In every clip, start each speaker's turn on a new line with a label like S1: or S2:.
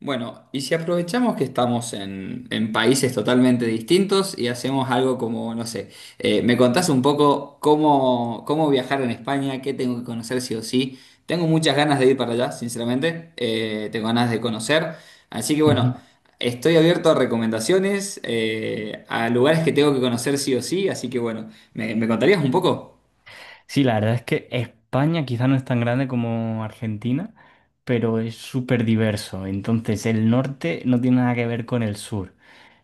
S1: Bueno, y si aprovechamos que estamos en países totalmente distintos y hacemos algo como, no sé, me contás un poco cómo viajar en España, qué tengo que conocer sí o sí. Tengo muchas ganas de ir para allá, sinceramente, tengo ganas de conocer. Así que bueno,
S2: Ujú.
S1: estoy abierto a recomendaciones, a lugares que tengo que conocer sí o sí, así que bueno, ¿me contarías un poco?
S2: Sí, la verdad es que España quizá no es tan grande como Argentina, pero es súper diverso. Entonces, el norte no tiene nada que ver con el sur.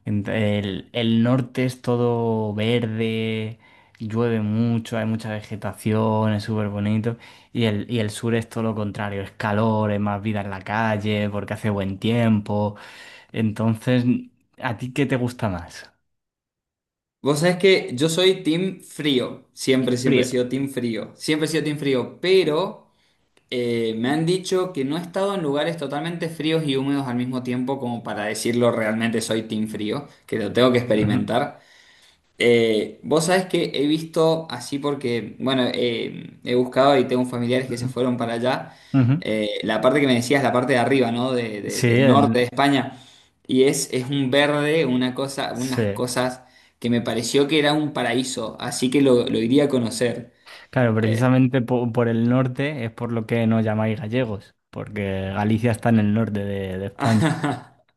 S2: El norte es todo verde, llueve mucho, hay mucha vegetación, es súper bonito. Y el sur es todo lo contrario, es calor, es más vida en la calle, porque hace buen tiempo. Entonces, ¿a ti qué te gusta más?
S1: Vos sabés que yo soy team frío, siempre he
S2: Frío.
S1: sido team frío, pero... me han dicho que no he estado en lugares totalmente fríos y húmedos al mismo tiempo como para decirlo realmente soy team frío, que lo tengo que
S2: Ujú,
S1: experimentar. Vos sabés que he visto así porque, bueno, he buscado y tengo familiares que se
S2: ujú,
S1: fueron para allá.
S2: ujú.
S1: La parte que me decías, la parte de arriba, ¿no? De- de-
S2: Sí,
S1: del norte
S2: el,
S1: de España. Y es un verde, unas
S2: sí.
S1: cosas que me pareció que era un paraíso, así que lo iría a conocer.
S2: Claro, por el norte es por lo que nos llamáis gallegos, porque Galicia está en el norte de España.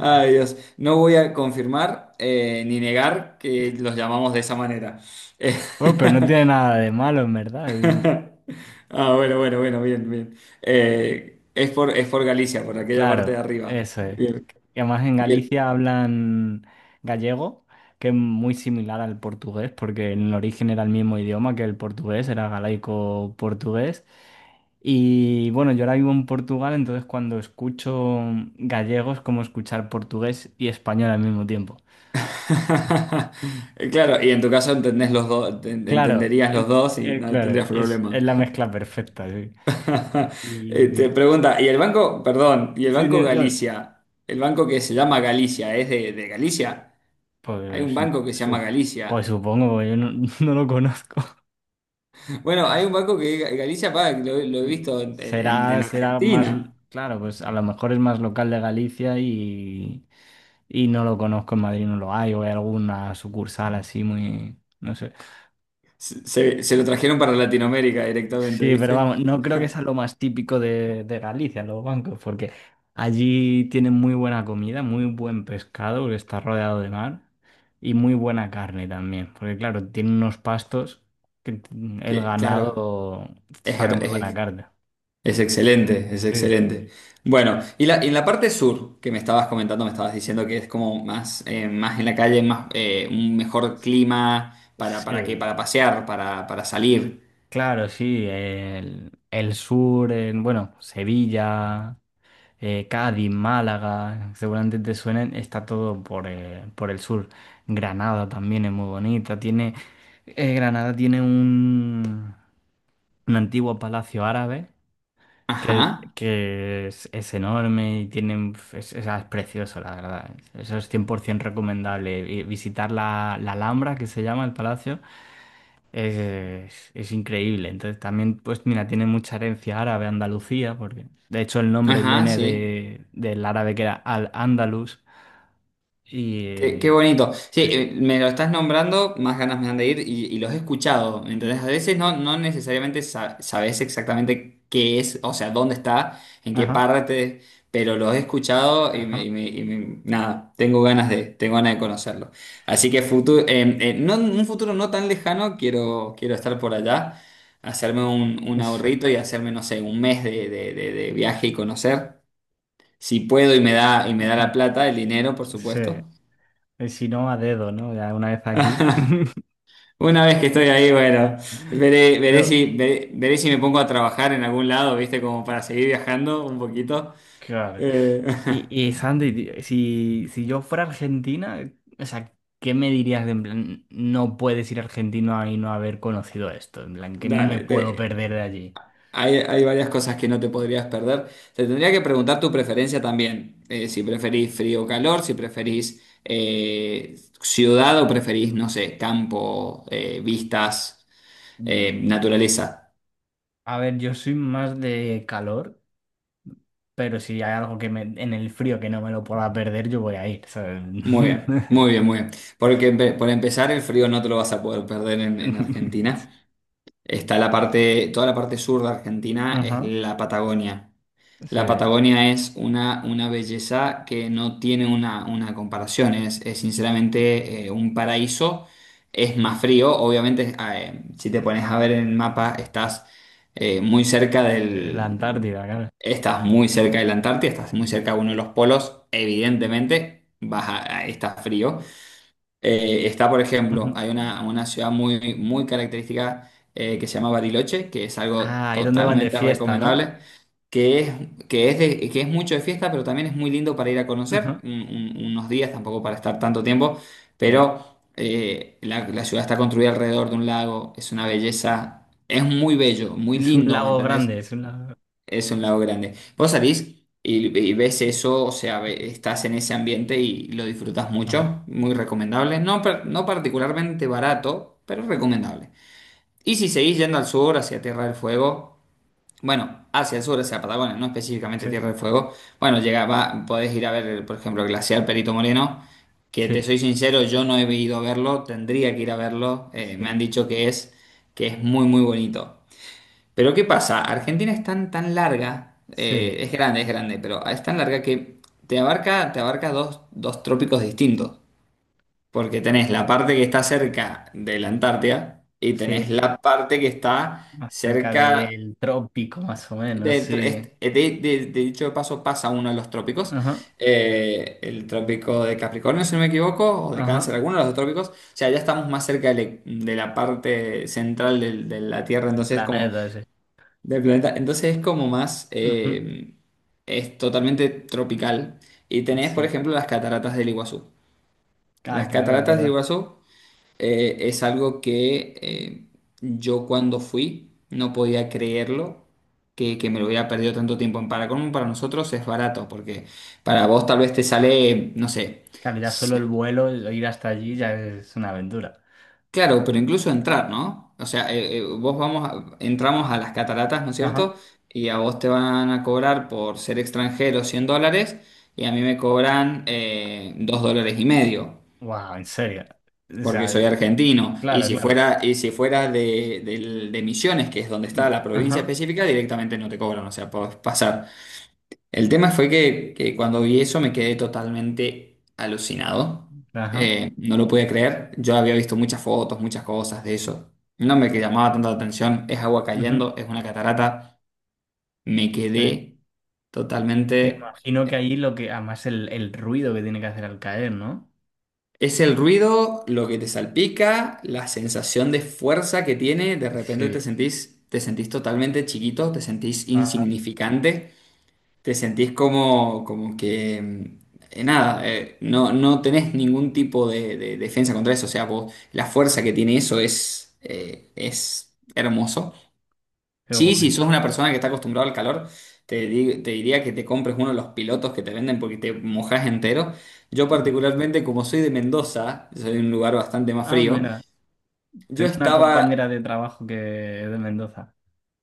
S1: Ay, Dios, no voy a confirmar ni negar que los llamamos de esa manera. Eh,
S2: Bueno, pero no tiene nada de malo, en verdad. Es-
S1: ah, bueno, bueno, bueno, bien, bien. Es por Galicia, por aquella parte de
S2: Claro,
S1: arriba.
S2: eso es.
S1: Bien.
S2: Y además en
S1: Y el-
S2: Galicia hablan gallego, que es muy similar al portugués, porque en el origen era el mismo idioma que el portugués, era galaico-portugués. Y bueno, yo ahora vivo en Portugal, entonces cuando escucho gallego es como escuchar portugués y español al mismo tiempo.
S1: Claro, y en tu caso entendés los dos,
S2: Claro,
S1: entenderías los dos y no
S2: claro,
S1: tendrías problema.
S2: es la mezcla perfecta, sí.
S1: Te
S2: Y
S1: pregunta, ¿y el banco, perdón, y el
S2: sí,
S1: Banco
S2: no, no,
S1: Galicia, el banco que se llama Galicia, es de Galicia? Hay un
S2: pues,
S1: banco que se llama
S2: su- pues
S1: Galicia.
S2: supongo, yo no, no lo conozco.
S1: Bueno, hay un banco que Galicia paga, que lo he visto en, en-
S2: Será,
S1: en
S2: será más,
S1: Argentina.
S2: claro, pues a lo mejor es más local de Galicia y no lo conozco en Madrid, no lo hay, o hay alguna sucursal así muy, no sé.
S1: Se lo trajeron para Latinoamérica directamente,
S2: Sí, pero
S1: ¿viste?
S2: vamos, no creo que sea lo más típico de Galicia, los bancos, porque allí tienen muy buena comida, muy buen pescado, porque está rodeado de mar, y muy buena carne también, porque claro, tienen unos pastos que el
S1: Que, claro,
S2: ganado
S1: es,
S2: saca
S1: her-
S2: muy buena
S1: es-
S2: carne.
S1: es excelente, es
S2: Sí,
S1: excelente. Bueno, y en la parte sur que me estabas diciendo que es como más, más en la calle, más, un mejor clima para qué,
S2: sí,
S1: para pasear, para salir.
S2: claro, sí, el sur, en, bueno, Sevilla. Cádiz, Málaga, seguramente te suenen, está todo por el sur. Granada también es muy bonita, tiene, Granada tiene un antiguo palacio árabe
S1: Ajá,
S2: que es enorme y tiene, es, es precioso, la verdad. Eso es 100% recomendable. Y visitar la, la Alhambra, que se llama el palacio. Es increíble. Entonces también, pues mira, tiene mucha herencia árabe Andalucía, porque de hecho el nombre
S1: ajá,
S2: viene
S1: sí.
S2: de, del árabe que era Al-Ándalus. Y...
S1: Qué
S2: eh,
S1: bonito. Sí,
S2: sí.
S1: me lo estás nombrando, más ganas me dan de ir y los he escuchado. Entonces, a veces no necesariamente sabes exactamente qué es, o sea, dónde está, en qué
S2: Ajá,
S1: parte, pero los he escuchado y,
S2: ajá,
S1: nada, tengo ganas de conocerlo. Así que futuro, no, en un futuro no tan lejano, quiero estar por allá, hacerme un
S2: sí,
S1: ahorrito y hacerme, no sé, un mes de viaje y conocer. Si puedo y me da
S2: ajá,
S1: la plata, el dinero, por
S2: sí.
S1: supuesto.
S2: Y si no, a dedo, ¿no? Ya una vez aquí.
S1: Una vez que estoy ahí, bueno, veré, veré
S2: Pero,
S1: si, veré, veré si me pongo a trabajar en algún lado, ¿viste? Como para seguir viajando un poquito.
S2: claro.
S1: Eh,
S2: Y, y Sandy, tío, si yo fuera argentina, o sea, ¿qué me dirías de en plan, no puedes ir argentino y no haber conocido esto? En plan, que no me
S1: dale,
S2: puedo perder de allí.
S1: hay varias cosas que no te podrías perder. Te tendría que preguntar tu preferencia también. Si preferís frío o calor, si preferís ciudad o preferís, no sé, campo, vistas, naturaleza.
S2: A ver, yo soy más de calor, pero si hay algo que me, en el frío que no me lo pueda perder, yo voy a ir, ¿sabes?
S1: Muy bien, muy bien, muy bien. Porque por empezar, el frío no te lo vas a poder perder en Argentina. Está la parte, toda la parte sur de Argentina es
S2: Ajá,
S1: la Patagonia. La
S2: sí,
S1: Patagonia es una belleza que no tiene una comparación, es sinceramente un paraíso, es más frío, obviamente si te pones a ver en el mapa eh, muy cerca
S2: de la
S1: del,
S2: Antártida, claro.
S1: estás muy cerca de la Antártida, estás muy cerca de uno de los polos, evidentemente vas a, está frío, está, por ejemplo,
S2: Ujú.
S1: hay una ciudad muy, muy característica que se llama Bariloche, que es algo
S2: Ah, es donde van de
S1: totalmente
S2: fiesta, ¿no?
S1: recomendable, que es, que es mucho de fiesta, pero también es muy lindo para ir a conocer
S2: Ujú,
S1: unos días, tampoco para estar tanto tiempo,
S2: sí.
S1: pero la ciudad está construida alrededor de un lago, es una belleza, es muy bello, muy
S2: Es un
S1: lindo, ¿me
S2: lago
S1: entendés?
S2: grande, es un lago.
S1: Es un lago grande. Vos salís y ves eso, o sea, estás en ese ambiente y lo disfrutas
S2: Ajá,
S1: mucho, muy recomendable. No, no particularmente barato, pero recomendable. Y si seguís yendo al sur, hacia Tierra del Fuego, bueno, hacia el sur, hacia Patagonia, no específicamente
S2: sí,
S1: Tierra del Fuego, bueno, llega, podés ir a ver, por ejemplo, el glaciar Perito Moreno, que
S2: sí,
S1: te soy sincero, yo no he ido a verlo, tendría que ir a verlo,
S2: sí,
S1: me han dicho que es muy, muy bonito. Pero ¿qué pasa? Argentina es tan, tan larga,
S2: sí,
S1: es grande, pero es tan larga que te abarca dos trópicos distintos. Porque tenés la parte que está cerca de la Antártida y
S2: sí.
S1: tenés la parte que está
S2: Más cerca
S1: cerca
S2: del trópico, más o menos,
S1: del...
S2: sí.
S1: De, de dicho de paso pasa uno de los trópicos,
S2: Ajá,
S1: el trópico de Capricornio, si no me equivoco, o de
S2: ajá,
S1: Cáncer, alguno de los dos trópicos. O sea, ya estamos más cerca de la parte central de la Tierra,
S2: el
S1: entonces como...
S2: planeta ese.
S1: Del planeta. Entonces es como
S2: Ujú,
S1: es totalmente tropical. Y tenés, por
S2: sí.
S1: ejemplo, las cataratas del Iguazú.
S2: Ah,
S1: Las
S2: claro, es
S1: cataratas del
S2: verdad.
S1: Iguazú es algo que yo cuando fui no podía creerlo, que me lo hubiera perdido tanto tiempo. En Paracolmo para nosotros es barato, porque para vos tal vez te sale, no sé.
S2: Claro, ya solo el vuelo, ir hasta allí ya es una aventura.
S1: Claro, pero incluso entrar, ¿no? O sea, vos entramos a las cataratas, ¿no es
S2: Ajá.
S1: cierto? Y a vos te van a cobrar por ser extranjero $100 y a mí me cobran 2 dólares y medio,
S2: Wow, en serio. O
S1: porque soy
S2: sea,
S1: argentino.
S2: claro, claro.
S1: Y si fuera de, de Misiones, que es donde está
S2: Mm,
S1: la provincia
S2: ajá,
S1: específica, directamente no te cobran, o sea, podés pasar. El tema fue que cuando vi eso me quedé totalmente alucinado.
S2: ajá.
S1: No lo podía creer. Yo había visto muchas fotos, muchas cosas de eso. No me que llamaba tanto la atención. Es agua
S2: Ujú,
S1: cayendo, es una catarata. Me
S2: sí.
S1: quedé
S2: Que
S1: totalmente...
S2: imagino que ahí lo que, además el ruido que tiene que hacer al caer, ¿no?
S1: Es el ruido, lo que te salpica, la sensación de fuerza que tiene. De repente
S2: Sí.
S1: te sentís totalmente chiquito, te sentís
S2: Ajá.
S1: insignificante. Te sentís como que, nada, no tenés ningún tipo de defensa contra eso. O sea, vos, la fuerza que tiene eso es hermoso.
S2: Qué
S1: Sí,
S2: guay.
S1: si sos una persona que está acostumbrada al calor, te diría que te compres uno de los pilotos que te venden porque te mojás entero. Yo
S2: Ujú.
S1: particularmente, como soy de Mendoza, soy de un lugar bastante más
S2: Ah,
S1: frío,
S2: mira,
S1: yo
S2: tengo una
S1: estaba...
S2: compañera de trabajo que es de Mendoza.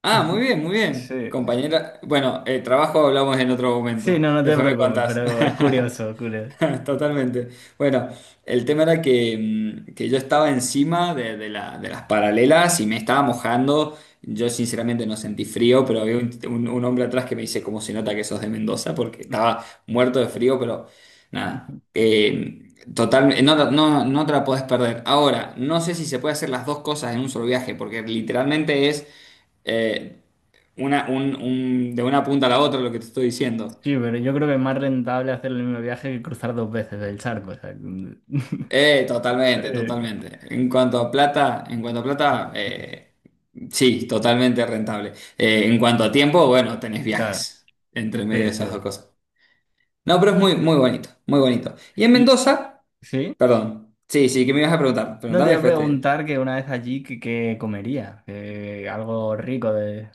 S1: Ah, muy bien, muy bien.
S2: Sí.
S1: Compañera, bueno, el trabajo hablamos en otro
S2: Sí,
S1: momento.
S2: no, no te
S1: Después me
S2: preocupes,
S1: contás.
S2: pero es curioso, curioso.
S1: Totalmente. Bueno, el tema era que, que yo estaba encima de, de las paralelas y me estaba mojando. Yo sinceramente no sentí frío, pero había un hombre atrás que me dice cómo se nota que sos de Mendoza, porque estaba muerto de frío, pero nada. Totalmente, no, no, no no te la podés perder. Ahora, no sé si se puede hacer las dos cosas en un solo viaje, porque literalmente es eh, de una punta a la otra lo que te estoy diciendo.
S2: Sí, pero yo creo que es más rentable hacer el mismo viaje que cruzar dos veces el charco. O sea,
S1: Totalmente,
S2: eh,
S1: totalmente. En cuanto a plata, sí, totalmente rentable. En cuanto a tiempo, bueno, tenés
S2: claro,
S1: viajes entre medio
S2: sí,
S1: de
S2: sí.
S1: esas dos cosas. No, pero es muy, muy bonito, muy bonito. Y en
S2: Y
S1: Mendoza,
S2: sí,
S1: perdón, sí, sí, que me ibas a preguntar.
S2: no te
S1: Preguntame,
S2: iba a
S1: después
S2: preguntar que una vez allí qué que comería, que algo rico de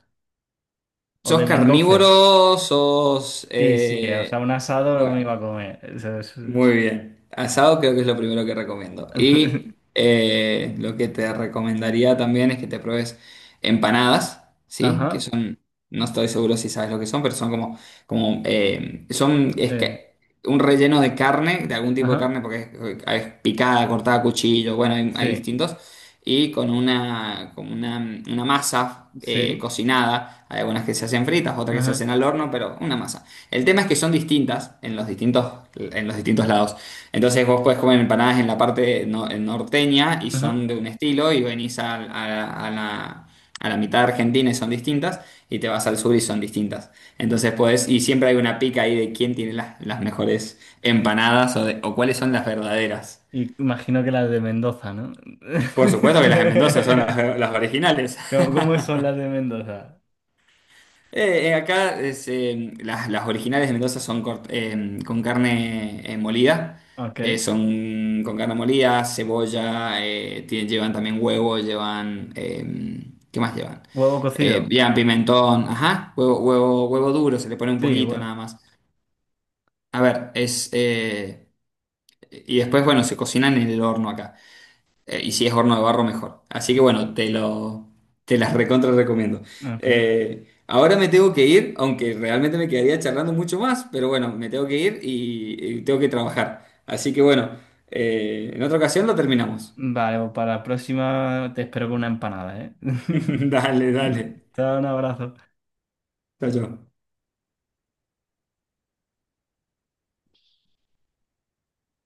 S2: o
S1: ¿sos
S2: de Mendoza.
S1: carnívoro? ¿Sos...
S2: Sí, sí, o sea, un asado me
S1: bueno,
S2: iba a comer. Eso es-
S1: muy bien. Asado creo que es lo primero que recomiendo. Y lo que te recomendaría también es que te pruebes empanadas, ¿sí? Que
S2: Ajá,
S1: son, no estoy seguro si sabes lo que son, pero son como son es
S2: sí,
S1: que un relleno de carne, de algún tipo de
S2: ajá,
S1: carne, porque es picada, cortada a cuchillo, bueno, hay
S2: sí,
S1: distintos. Y con una masa
S2: sí,
S1: cocinada. Hay algunas que se hacen fritas, otras que se
S2: ajá,
S1: hacen al horno, pero una masa. El tema es que son distintas en los distintos lados. Entonces vos podés comer empanadas en la parte no- en norteña y
S2: ajá.
S1: son de un estilo y venís a, a la mitad de Argentina y son distintas y te vas al sur y son distintas. Entonces podés, y siempre hay una pica ahí de quién tiene las mejores empanadas o cuáles son las verdaderas.
S2: Y imagino que las de Mendoza, ¿no?
S1: Por supuesto que las de Mendoza son las, las originales.
S2: ¿Cómo, cómo son las de Mendoza?
S1: Acá las originales de Mendoza son con carne molida.
S2: Ok.
S1: Son con carne molida, cebolla, llevan también huevo, ¿qué más llevan?
S2: Huevo cocido.
S1: Llevan pimentón, ajá, huevo, huevo, huevo duro, se le pone un
S2: Sí,
S1: poquito
S2: bueno.
S1: nada más. A ver, y después, bueno, se cocinan en el horno acá. Y si es horno de barro, mejor. Así que
S2: Ujú,
S1: bueno, te las recontra recomiendo.
S2: ok.
S1: Ahora me tengo que ir, aunque realmente me quedaría charlando mucho más, pero bueno, me tengo que ir y tengo que trabajar. Así que bueno, en otra ocasión lo terminamos.
S2: Vale, pues para la próxima te espero con una empanada, ¿eh?
S1: Dale,
S2: Te
S1: dale.
S2: te doy un abrazo.
S1: Chao, chao.